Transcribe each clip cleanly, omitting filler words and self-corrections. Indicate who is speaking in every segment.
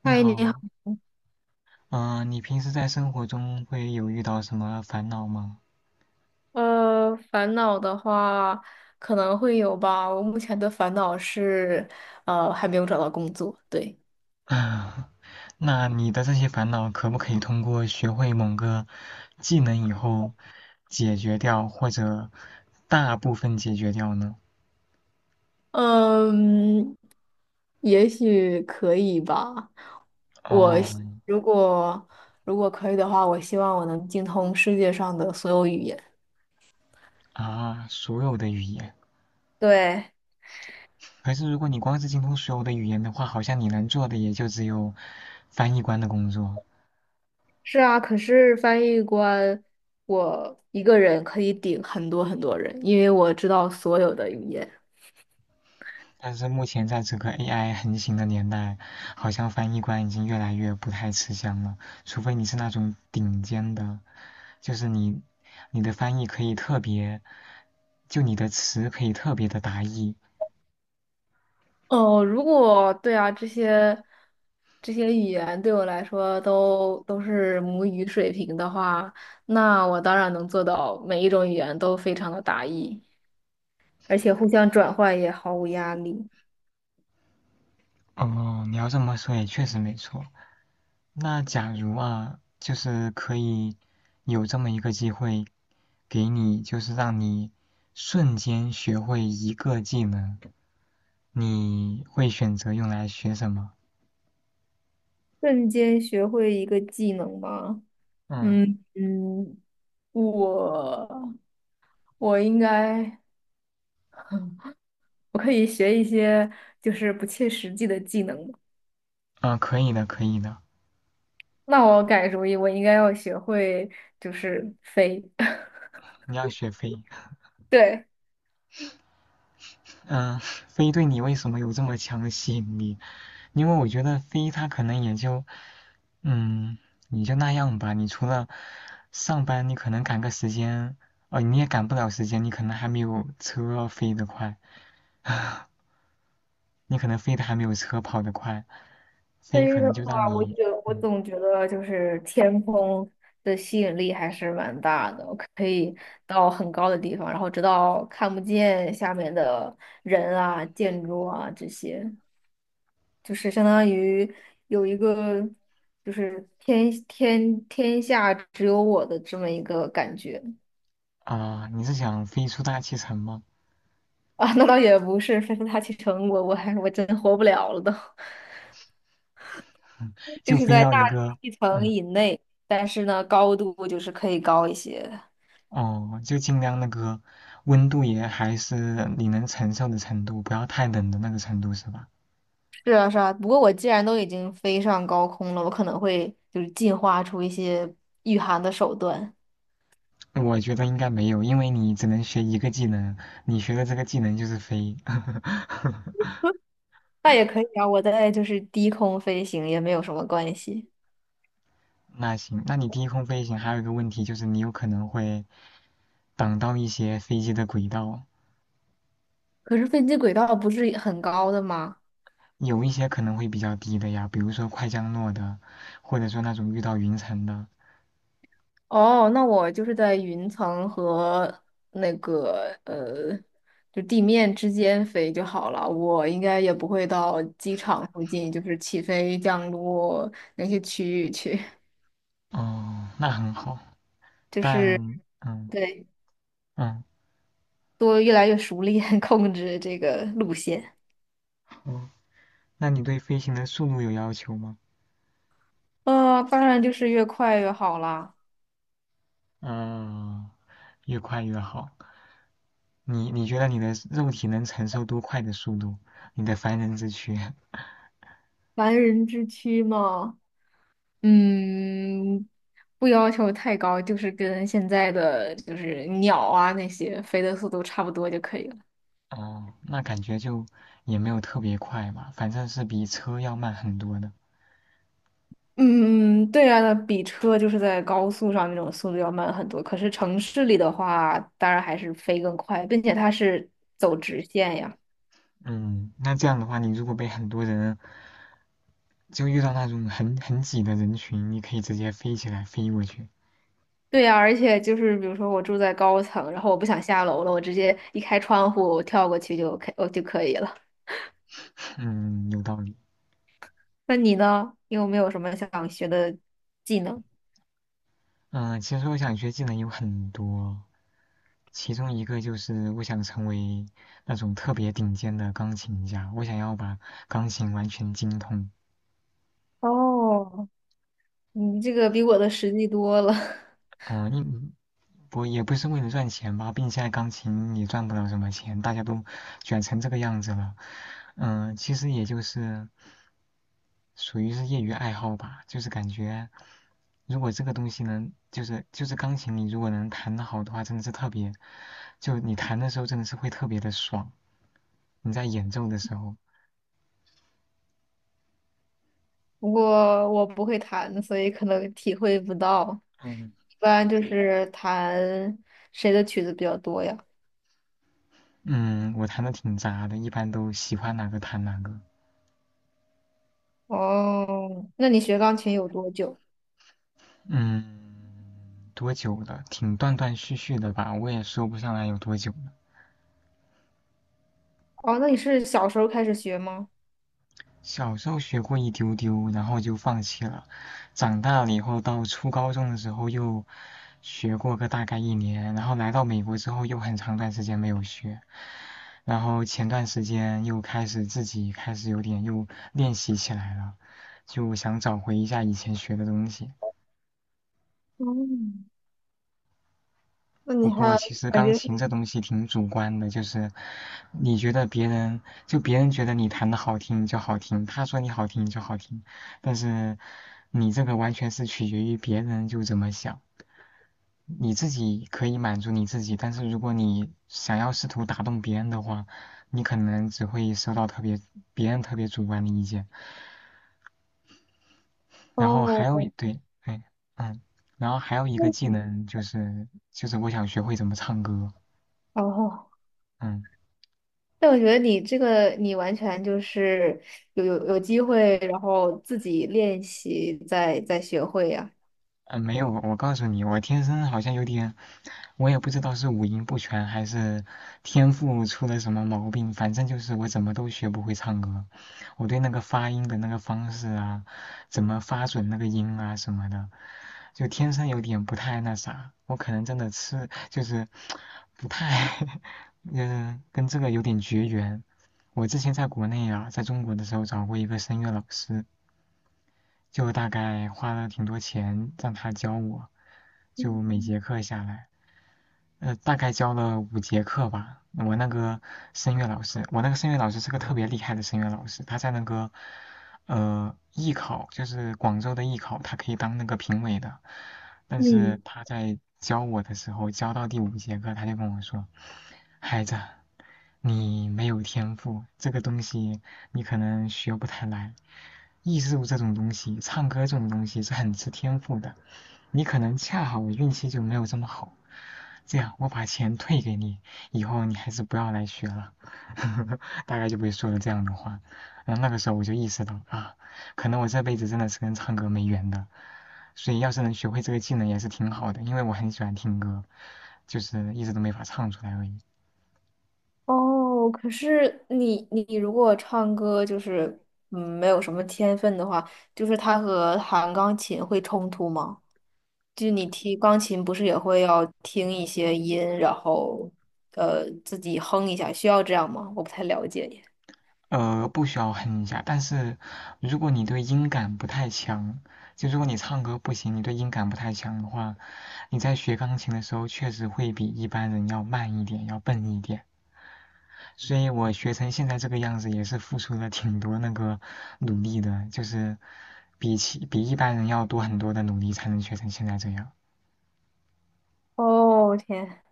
Speaker 1: 你
Speaker 2: 嗨，你好。
Speaker 1: 好，嗯、你平时在生活中会有遇到什么烦恼吗？
Speaker 2: 烦恼的话可能会有吧。我目前的烦恼是，还没有找到工作。对，
Speaker 1: 啊，那你的这些烦恼可不可以通过学会某个技能以后解决掉，或者大部分解决掉呢？
Speaker 2: 嗯，也许可以吧。
Speaker 1: 哦，
Speaker 2: 如果如果可以的话，我希望我能精通世界上的所有语言。
Speaker 1: 啊，所有的语言。
Speaker 2: 对，
Speaker 1: 可是如果你光是精通所有的语言的话，好像你能做的也就只有翻译官的工作。
Speaker 2: 是啊，可是翻译官，我一个人可以顶很多很多人，因为我知道所有的语言。
Speaker 1: 但是目前在这个 AI 横行的年代，好像翻译官已经越来越不太吃香了。除非你是那种顶尖的，就是你的翻译可以特别，就你的词可以特别的达意。
Speaker 2: 哦，如果对啊，这些语言对我来说都是母语水平的话，那我当然能做到每一种语言都非常的达意，而且互相转换也毫无压力。
Speaker 1: 哦，你要这么说也确实没错。那假如啊，就是可以有这么一个机会给你，就是让你瞬间学会一个技能，你会选择用来学什么？
Speaker 2: 瞬间学会一个技能吗？
Speaker 1: 嗯。
Speaker 2: 嗯嗯，我我应该我可以学一些就是不切实际的技能。
Speaker 1: 嗯，可以的，可以的。
Speaker 2: 那我改主意，我应该要学会就是飞。
Speaker 1: 你要学飞，
Speaker 2: 对。
Speaker 1: 嗯，飞对你为什么有这么强的吸引力？因为我觉得飞它可能也就，嗯，你就那样吧。你除了上班，你可能赶个时间，哦，你也赶不了时间，你可能还没有车飞得快，你可能飞得还没有车跑得快。飞可
Speaker 2: 飞的
Speaker 1: 能就让
Speaker 2: 话，
Speaker 1: 你，
Speaker 2: 我
Speaker 1: 嗯，
Speaker 2: 总觉得就是天空的吸引力还是蛮大的，我可以到很高的地方，然后直到看不见下面的人啊、建筑啊这些，就是相当于有一个就是天下只有我的这么一个感觉
Speaker 1: 啊、你是想飞出大气层吗？
Speaker 2: 啊。那倒也不是，飞大气层，我真活不了了都，就
Speaker 1: 就
Speaker 2: 是
Speaker 1: 飞
Speaker 2: 在
Speaker 1: 到
Speaker 2: 大
Speaker 1: 一个，
Speaker 2: 气层
Speaker 1: 嗯，
Speaker 2: 以内，但是呢，高度就是可以高一些。
Speaker 1: 哦，就尽量那个温度也还是你能承受的程度，不要太冷的那个程度，是吧？
Speaker 2: 是啊，是啊。不过我既然都已经飞上高空了，我可能会就是进化出一些御寒的手段。
Speaker 1: 我觉得应该没有，因为你只能学一个技能，你学的这个技能就是飞。
Speaker 2: 那也可以啊，我在就是低空飞行也没有什么关系。
Speaker 1: 那行，那你低空飞行还有一个问题就是你有可能会挡到一些飞机的轨道，
Speaker 2: 可是飞机轨道不是很高的吗？
Speaker 1: 有一些可能会比较低的呀，比如说快降落的，或者说那种遇到云层的。
Speaker 2: 哦，那我就是在云层和那个就地面之间飞就好了。我应该也不会到机场附近，就是起飞、降落那些区域去。
Speaker 1: 哦，那很好，
Speaker 2: 就
Speaker 1: 但
Speaker 2: 是
Speaker 1: 嗯
Speaker 2: 对。
Speaker 1: 嗯，
Speaker 2: 多越来越熟练 控制这个路线。
Speaker 1: 哦，那你对飞行的速度有要求吗？
Speaker 2: 啊、当然就是越快越好啦，
Speaker 1: 嗯，越快越好。你觉得你的肉体能承受多快的速度？你的凡人之躯？
Speaker 2: 凡人之躯嘛。嗯，不要求太高，就是跟现在的就是鸟啊那些飞的速度差不多就可以了。
Speaker 1: 哦，那感觉就也没有特别快吧，反正是比车要慢很多的。
Speaker 2: 嗯，对啊，那比车就是在高速上那种速度要慢很多，可是城市里的话，当然还是飞更快，并且它是走直线呀。
Speaker 1: 嗯，那这样的话，你如果被很多人就遇到那种很挤的人群，你可以直接飞起来飞过去。
Speaker 2: 对呀，而且就是比如说我住在高层，然后我不想下楼了，我直接一开窗户，我跳过去就 OK,我就可以了。
Speaker 1: 嗯，有道理。
Speaker 2: 那你呢？你有没有什么想学的技能？
Speaker 1: 嗯，其实我想学技能有很多，其中一个就是我想成为那种特别顶尖的钢琴家，我想要把钢琴完全精通。
Speaker 2: 哦，你这个比我的实际多了，
Speaker 1: 嗯，因我也不是为了赚钱吧，并且现在钢琴也赚不了什么钱，大家都卷成这个样子了。嗯，其实也就是属于是业余爱好吧，就是感觉如果这个东西能，就是钢琴，你如果能弹得好的话，真的是特别，就你弹的时候真的是会特别的爽，你在演奏的时候。
Speaker 2: 不过我不会弹，所以可能体会不到。
Speaker 1: 嗯。
Speaker 2: 一般就是弹谁的曲子比较多呀？
Speaker 1: 嗯，我弹的挺杂的，一般都喜欢哪个弹哪个。
Speaker 2: 哦，那你学钢琴有多久？
Speaker 1: 嗯，多久了？挺断断续续的吧，我也说不上来有多久了。
Speaker 2: 哦，那你是小时候开始学吗？
Speaker 1: 小时候学过一丢丢，然后就放弃了。长大了以后，到初高中的时候又学过个大概一年，然后来到美国之后又很长段时间没有学。然后前段时间又开始自己开始有点又练习起来了，就想找回一下以前学的东西。
Speaker 2: 哦，那
Speaker 1: 不
Speaker 2: 你
Speaker 1: 过
Speaker 2: 还
Speaker 1: 其实
Speaker 2: 感
Speaker 1: 钢
Speaker 2: 觉
Speaker 1: 琴这东西挺主观的，就是你觉得别人就别人觉得你弹的好听就好听，他说你好听就好听，但是你这个完全是取决于别人就怎么想。你自己可以满足你自己，但是如果你想要试图打动别人的话，你可能只会收到特别别人特别主观的意见。然后还有
Speaker 2: 哦。
Speaker 1: 一对，哎，嗯，然后还有一个技能就是我想学会怎么唱歌，
Speaker 2: 哦，
Speaker 1: 嗯。
Speaker 2: 但我觉得你这个，你完全就是有机会，然后自己练习再学会呀。
Speaker 1: 呃，没有，我告诉你，我天生好像有点，我也不知道是五音不全还是天赋出了什么毛病，反正就是我怎么都学不会唱歌。我对那个发音的那个方式啊，怎么发准那个音啊什么的，就天生有点不太那啥。我可能真的吃就是不太，嗯，跟这个有点绝缘。我之前在国内啊，在中国的时候找过一个声乐老师，就大概花了挺多钱让他教我，就每节课下来，大概教了五节课吧。我那个声乐老师，我那个声乐老师是个特别厉害的声乐老师，他在那个艺考，就是广州的艺考，他可以当那个评委的。但是
Speaker 2: 嗯。
Speaker 1: 他在教我的时候，教到第五节课，他就跟我说：“孩子，你没有天赋，这个东西你可能学不太来。”艺术这种东西，唱歌这种东西是很吃天赋的。你可能恰好我运气就没有这么好，这样我把钱退给你，以后你还是不要来学了。大概就不会说了这样的话。然后那个时候我就意识到啊，可能我这辈子真的是跟唱歌没缘的。所以要是能学会这个技能也是挺好的，因为我很喜欢听歌，就是一直都没法唱出来而已。
Speaker 2: 哦，可是你你如果唱歌就是嗯没有什么天分的话，就是它和弹钢琴会冲突吗？就你听钢琴不是也会要听一些音，然后自己哼一下，需要这样吗？我不太了解耶。
Speaker 1: 呃，不需要哼一下，但是如果你对音感不太强，就如果你唱歌不行，你对音感不太强的话，你在学钢琴的时候确实会比一般人要慢一点，要笨一点。所以我学成现在这个样子，也是付出了挺多那个努力的，就是比起比一般人要多很多的努力才能学成现在这样。
Speaker 2: 哦，天。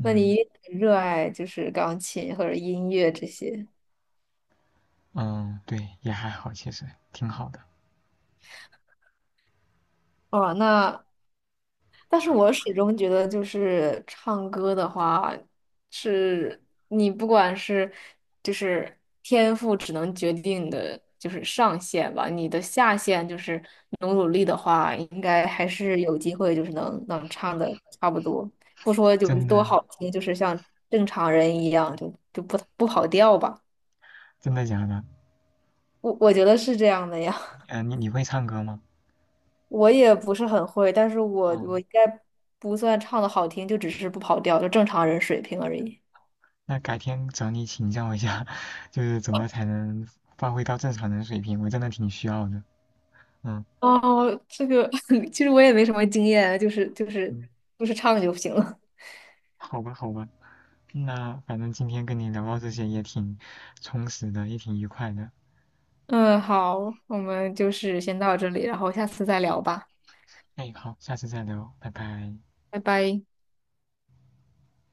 Speaker 2: 那你一定很热爱就是钢琴或者音乐这些。
Speaker 1: 嗯，对，也还好，其实挺好的，
Speaker 2: 哦，那但是我始终觉得，就是唱歌的话，是你不管是就是天赋只能决定你的就是上限吧，你的下限就是努力的话，应该还是有机会，就是能唱的差不多，不说就
Speaker 1: 真
Speaker 2: 是多
Speaker 1: 的
Speaker 2: 好听，就是像正常人一样，就不跑调吧。
Speaker 1: 真的假的？
Speaker 2: 我觉得是这样的呀。
Speaker 1: 呃，你会唱歌吗？
Speaker 2: 我也不是很会，但是我
Speaker 1: 哦
Speaker 2: 应该不算唱的好听，就只是不跑调，就正常人水平而已。
Speaker 1: 那改天找你请教一下，就是怎么才能发挥到正常人水平，我真的挺需要的。嗯
Speaker 2: 哦，这个 其实我也没什么经验啊，
Speaker 1: 嗯，
Speaker 2: 就是唱就行了。
Speaker 1: 好吧好吧，那反正今天跟你聊到这些也挺充实的，也挺愉快的。
Speaker 2: 嗯，好，我们就是先到这里，然后下次再聊吧，
Speaker 1: 哎，好，下次再聊，拜拜。
Speaker 2: 拜拜。